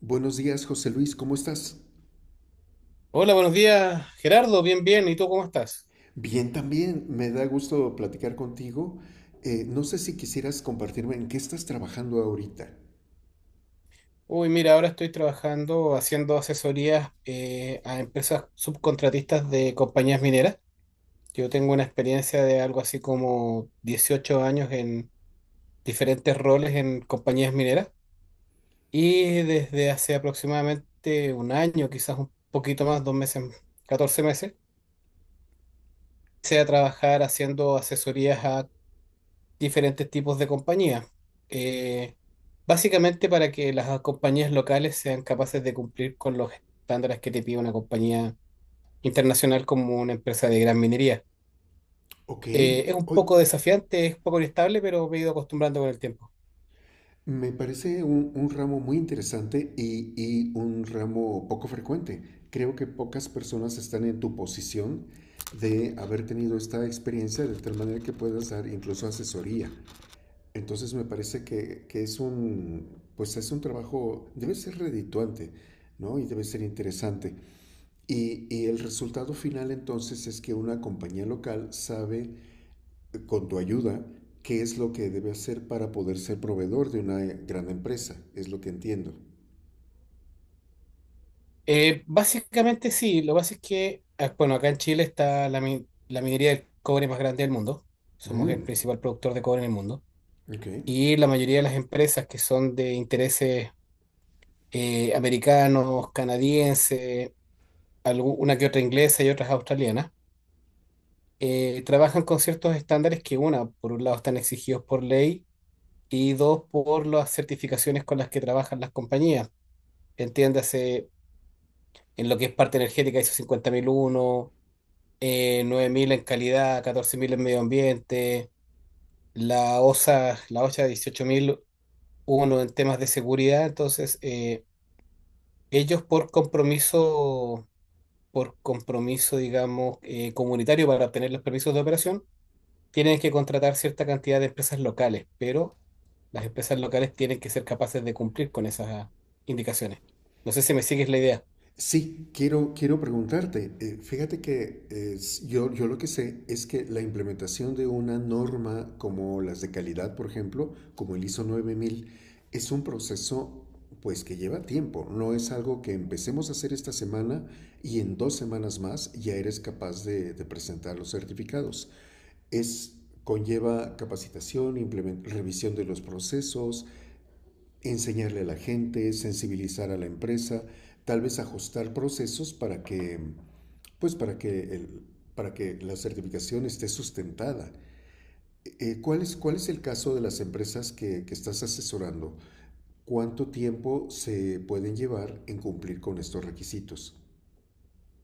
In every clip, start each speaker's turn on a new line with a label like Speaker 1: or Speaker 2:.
Speaker 1: Buenos días, José Luis, ¿cómo estás?
Speaker 2: Hola, buenos días, Gerardo. Bien, bien. ¿Y tú cómo estás?
Speaker 1: Bien, también me da gusto platicar contigo. No sé si quisieras compartirme en qué estás trabajando ahorita.
Speaker 2: Uy, mira, ahora estoy trabajando haciendo asesorías a empresas subcontratistas de compañías mineras. Yo tengo una experiencia de algo así como 18 años en diferentes roles en compañías mineras y desde hace aproximadamente un año, quizás un poquito más, 2 meses, 14 meses, empecé a trabajar haciendo asesorías a diferentes tipos de compañías. Eh, Básicamente para que las compañías locales sean capaces de cumplir con los estándares que te pide una compañía internacional como una empresa de gran minería.
Speaker 1: Ok,
Speaker 2: Es un
Speaker 1: hoy
Speaker 2: poco desafiante, es un poco inestable, pero me he ido acostumbrando con el tiempo.
Speaker 1: me parece un ramo muy interesante y un ramo poco frecuente. Creo que pocas personas están en tu posición de haber tenido esta experiencia de tal manera que puedas dar incluso asesoría. Entonces me parece que es un, pues es un trabajo, debe ser redituante, ¿no? Y debe ser interesante. Y el resultado final entonces es que una compañía local sabe, con tu ayuda, qué es lo que debe hacer para poder ser proveedor de una gran empresa, es lo que entiendo.
Speaker 2: Básicamente sí, lo que pasa es que, ah, bueno, acá en Chile está la minería del cobre más grande del mundo. Somos el
Speaker 1: Mm,
Speaker 2: principal productor de cobre en el mundo.
Speaker 1: ok.
Speaker 2: Y la mayoría de las empresas que son de intereses americanos, canadienses, una que otra inglesa y otras australianas, trabajan con ciertos estándares que, una, por un lado están exigidos por ley y dos, por las certificaciones con las que trabajan las compañías. Entiéndase, en lo que es parte energética, ISO 50001, 9000 en calidad, 14000 en medio ambiente, la OSA, la OSHA 18001 en temas de seguridad. Entonces, ellos por compromiso, digamos, comunitario para obtener los permisos de operación, tienen que contratar cierta cantidad de empresas locales, pero las empresas locales tienen que ser capaces de cumplir con esas indicaciones. No sé si me sigues la idea.
Speaker 1: Sí, quiero preguntarte. Fíjate que yo lo que sé es que la implementación de una norma como las de calidad, por ejemplo, como el ISO 9000, es un proceso pues que lleva tiempo. No es algo que empecemos a hacer esta semana y en dos semanas más ya eres capaz de, presentar los certificados. Es, conlleva capacitación, revisión de los procesos, enseñarle a la gente, sensibilizar a la empresa, tal vez ajustar procesos para que, pues para que, el, para que la certificación esté sustentada. ¿Cuál es el caso de las empresas que estás asesorando? ¿Cuánto tiempo se pueden llevar en cumplir con estos requisitos?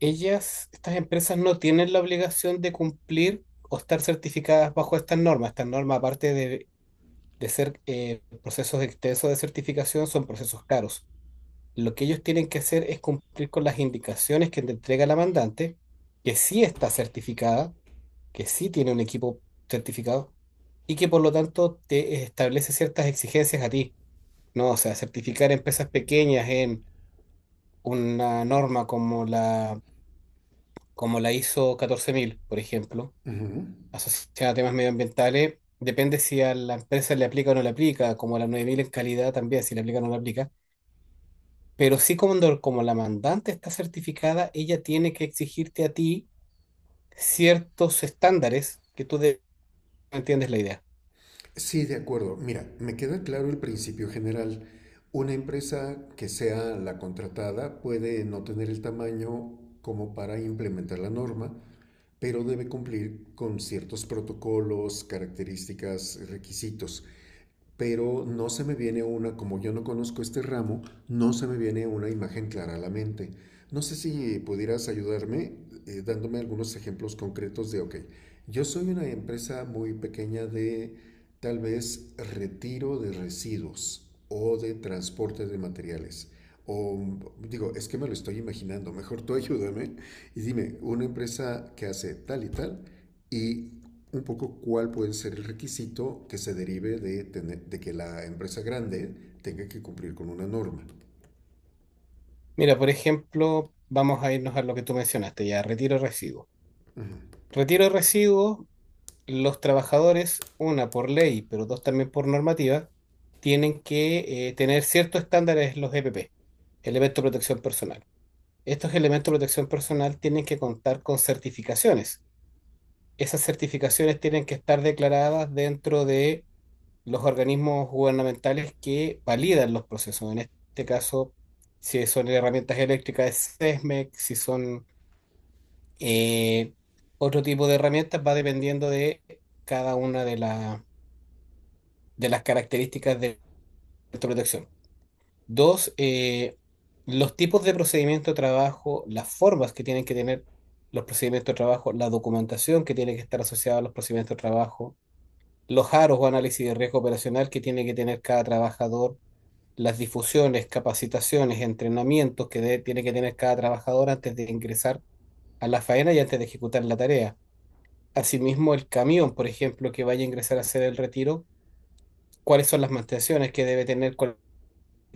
Speaker 2: Ellas, estas empresas no tienen la obligación de cumplir o estar certificadas bajo estas normas. Estas normas, aparte de ser procesos extensos de certificación, son procesos caros. Lo que ellos tienen que hacer es cumplir con las indicaciones que te entrega la mandante, que sí está certificada, que sí tiene un equipo certificado y que por lo tanto te establece ciertas exigencias a ti, ¿no? O sea, certificar empresas pequeñas en una norma como la ISO 14000, por ejemplo,
Speaker 1: Ujú.
Speaker 2: asociada a temas medioambientales, depende si a la empresa le aplica o no le aplica, como la 9000 en calidad también, si le aplica o no le aplica, pero sí cuando, como la mandante está certificada, ella tiene que exigirte a ti ciertos estándares que entiendes la idea.
Speaker 1: Sí, de acuerdo. Mira, me queda claro el principio general. Una empresa que sea la contratada puede no tener el tamaño como para implementar la norma, pero debe cumplir con ciertos protocolos, características, requisitos pero no se me viene una, como yo no conozco este ramo, no se me viene una imagen clara a la mente. No sé si pudieras ayudarme dándome algunos ejemplos concretos de, ok, yo soy una empresa muy pequeña de tal vez retiro de residuos o de transporte de materiales. O digo, es que me lo estoy imaginando, mejor tú ayúdame y dime, una empresa que hace tal y tal y un poco cuál puede ser el requisito que se derive de que la empresa grande tenga que cumplir con una norma.
Speaker 2: Mira, por ejemplo, vamos a irnos a lo que tú mencionaste ya, retiro de residuos. Retiro de residuos, los trabajadores, una por ley, pero dos también por normativa, tienen que tener ciertos estándares en los EPP, elementos de protección personal. Estos elementos de protección personal tienen que contar con certificaciones. Esas certificaciones tienen que estar declaradas dentro de los organismos gubernamentales que validan los procesos. En este caso, si son herramientas eléctricas, es SESMEC, si son, Eh, otro tipo de herramientas va dependiendo de cada una de, la- de las características de protección. Dos, los tipos de procedimiento de trabajo, las formas que tienen que tener los procedimientos de trabajo, la documentación que tiene que estar asociada a los procedimientos de trabajo, los aros o análisis de riesgo operacional que tiene que tener cada trabajador, las difusiones, capacitaciones, entrenamientos que tiene que tener cada trabajador antes de ingresar a la faena y antes de ejecutar la tarea. Asimismo, el camión, por ejemplo, que vaya a ingresar a hacer el retiro, ¿cuáles son las mantenciones que debe tener, cuál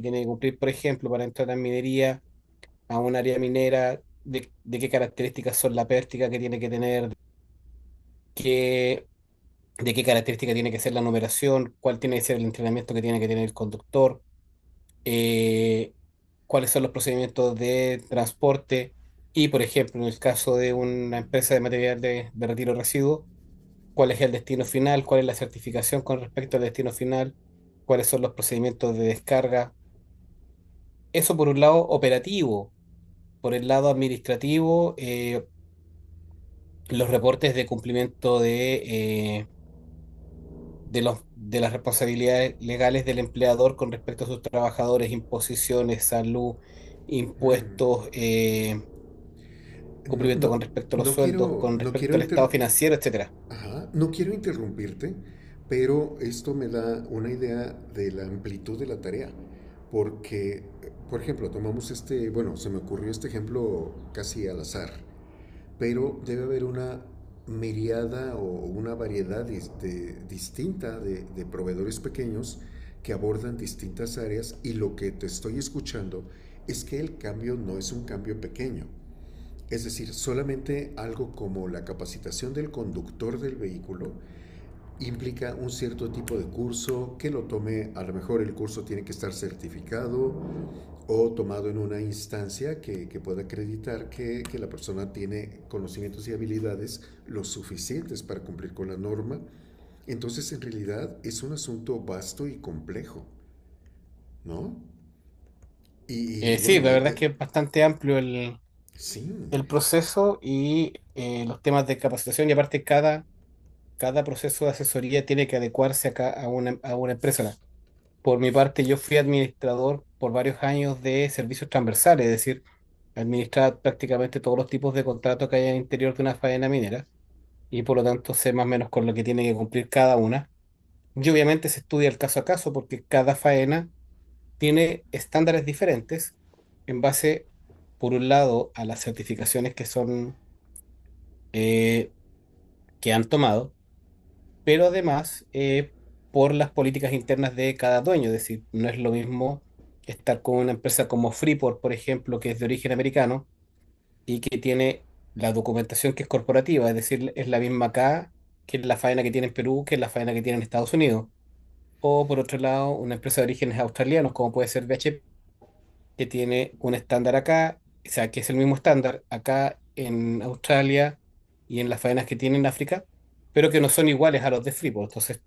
Speaker 2: tiene que cumplir, por ejemplo, para entrar a minería, a un área minera, de qué características son la pértiga que tiene que tener, qué, de qué característica tiene que ser la numeración, cuál tiene que ser el entrenamiento que tiene que tener el conductor, eh, cuáles son los procedimientos de transporte y, por ejemplo, en el caso de una empresa de material de retiro de residuos, cuál es el destino final, cuál es la certificación con respecto al destino final, cuáles son los procedimientos de descarga? Eso por un lado operativo, por el lado administrativo, los reportes de cumplimiento de las responsabilidades legales del empleador con respecto a sus trabajadores, imposiciones, salud,
Speaker 1: Mm.
Speaker 2: impuestos,
Speaker 1: No,
Speaker 2: cumplimiento
Speaker 1: no,
Speaker 2: con respecto a los
Speaker 1: no
Speaker 2: sueldos,
Speaker 1: quiero,
Speaker 2: con
Speaker 1: no quiero,
Speaker 2: respecto al
Speaker 1: inter...
Speaker 2: estado financiero, etcétera.
Speaker 1: Ajá, no quiero interrumpirte, pero esto me da una idea de la amplitud de la tarea, porque, por ejemplo, tomamos este, bueno, se me ocurrió este ejemplo casi al azar pero debe haber una miriada o una variedad este, distinta de, proveedores pequeños que abordan distintas áreas y lo que te estoy escuchando es que el cambio no es un cambio pequeño. Es decir, solamente algo como la capacitación del conductor del vehículo implica un cierto tipo de curso que lo tome, a lo mejor el curso tiene que estar certificado, o tomado en una instancia que pueda acreditar que la persona tiene conocimientos y habilidades los suficientes para cumplir con la norma. Entonces, en realidad, es un asunto vasto y complejo, ¿no? Y
Speaker 2: Sí,
Speaker 1: bueno,
Speaker 2: la verdad es que es bastante amplio el,
Speaker 1: sí,
Speaker 2: el proceso y los temas de capacitación, y aparte cada proceso de asesoría tiene que adecuarse acá a a una empresa. Por mi parte, yo fui administrador por varios años de servicios transversales, es decir, administrar prácticamente todos los tipos de contratos que hay al interior de una faena minera y por lo tanto sé más o menos con lo que tiene que cumplir cada una. Y obviamente se estudia el caso a caso porque cada faena tiene estándares diferentes en base, por un lado, a las certificaciones que son, eh, que han tomado, pero además por las políticas internas de cada dueño. Es decir, no es lo mismo estar con una empresa como Freeport, por ejemplo, que es de origen americano y que tiene la documentación que es corporativa, es decir, es la misma acá que la faena que tiene en Perú, que la faena que tiene en Estados Unidos. O por otro lado, una empresa de orígenes australianos, como puede ser BHP, que tiene un estándar acá, o sea, que es el mismo estándar acá en Australia y en las faenas que tiene en África, pero que no son iguales a los de Freeport. Entonces,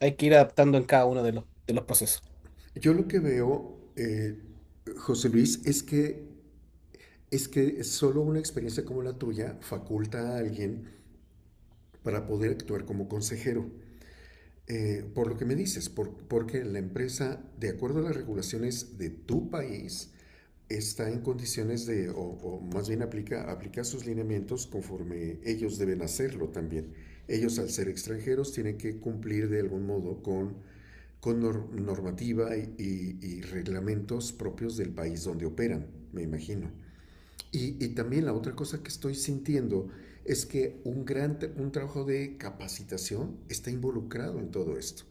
Speaker 2: hay que ir adaptando en cada uno de los procesos.
Speaker 1: yo lo que veo, José Luis, es que, solo una experiencia como la tuya faculta a alguien para poder actuar como consejero. Por lo que me dices, porque la empresa, de acuerdo a las regulaciones de tu país, está en condiciones de, o más bien aplica, sus lineamientos conforme ellos deben hacerlo también. Ellos, al ser extranjeros, tienen que cumplir de algún modo con, con normativa y reglamentos propios del país donde operan, me imagino. Y también la otra cosa que estoy sintiendo es que un gran un trabajo de capacitación está involucrado en todo esto.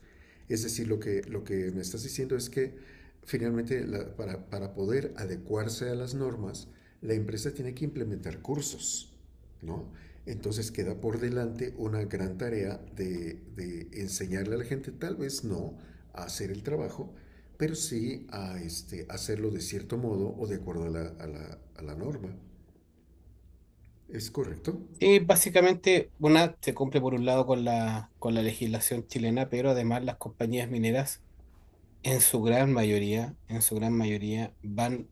Speaker 1: Es decir, lo que me estás diciendo es que finalmente poder adecuarse a las normas, la empresa tiene que implementar cursos, ¿no? Entonces queda por delante una gran tarea de, enseñarle a la gente, tal vez no, a hacer el trabajo, pero sí a este, hacerlo de cierto modo o de acuerdo a la norma. ¿Es correcto?
Speaker 2: Y básicamente, una se cumple por un lado con con la legislación chilena, pero además las compañías mineras, en su gran mayoría, en su gran mayoría, van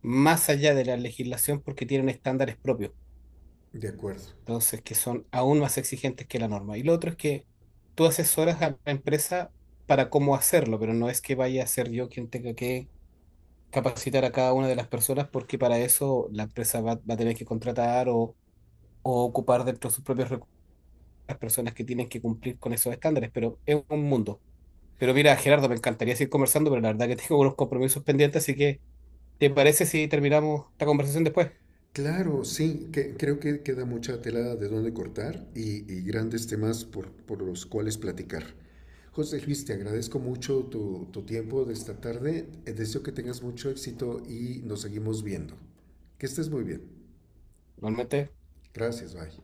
Speaker 2: más allá de la legislación porque tienen estándares propios.
Speaker 1: De acuerdo.
Speaker 2: Entonces, que son aún más exigentes que la norma. Y lo otro es que tú asesoras a la empresa para cómo hacerlo, pero no es que vaya a ser yo quien tenga que capacitar a cada una de las personas, porque para eso la empresa va a tener que contratar o ocupar dentro de sus propios recursos las personas que tienen que cumplir con esos estándares, pero es un mundo. Pero mira, Gerardo, me encantaría seguir conversando, pero la verdad que tengo unos compromisos pendientes, así que ¿te parece si terminamos esta conversación después?
Speaker 1: Claro, sí, que, creo que queda mucha tela de dónde cortar y grandes temas por los cuales platicar. José Luis, te agradezco mucho tu tiempo de esta tarde. Deseo que tengas mucho éxito y nos seguimos viendo. Que estés muy bien.
Speaker 2: Normalmente.
Speaker 1: Gracias, bye.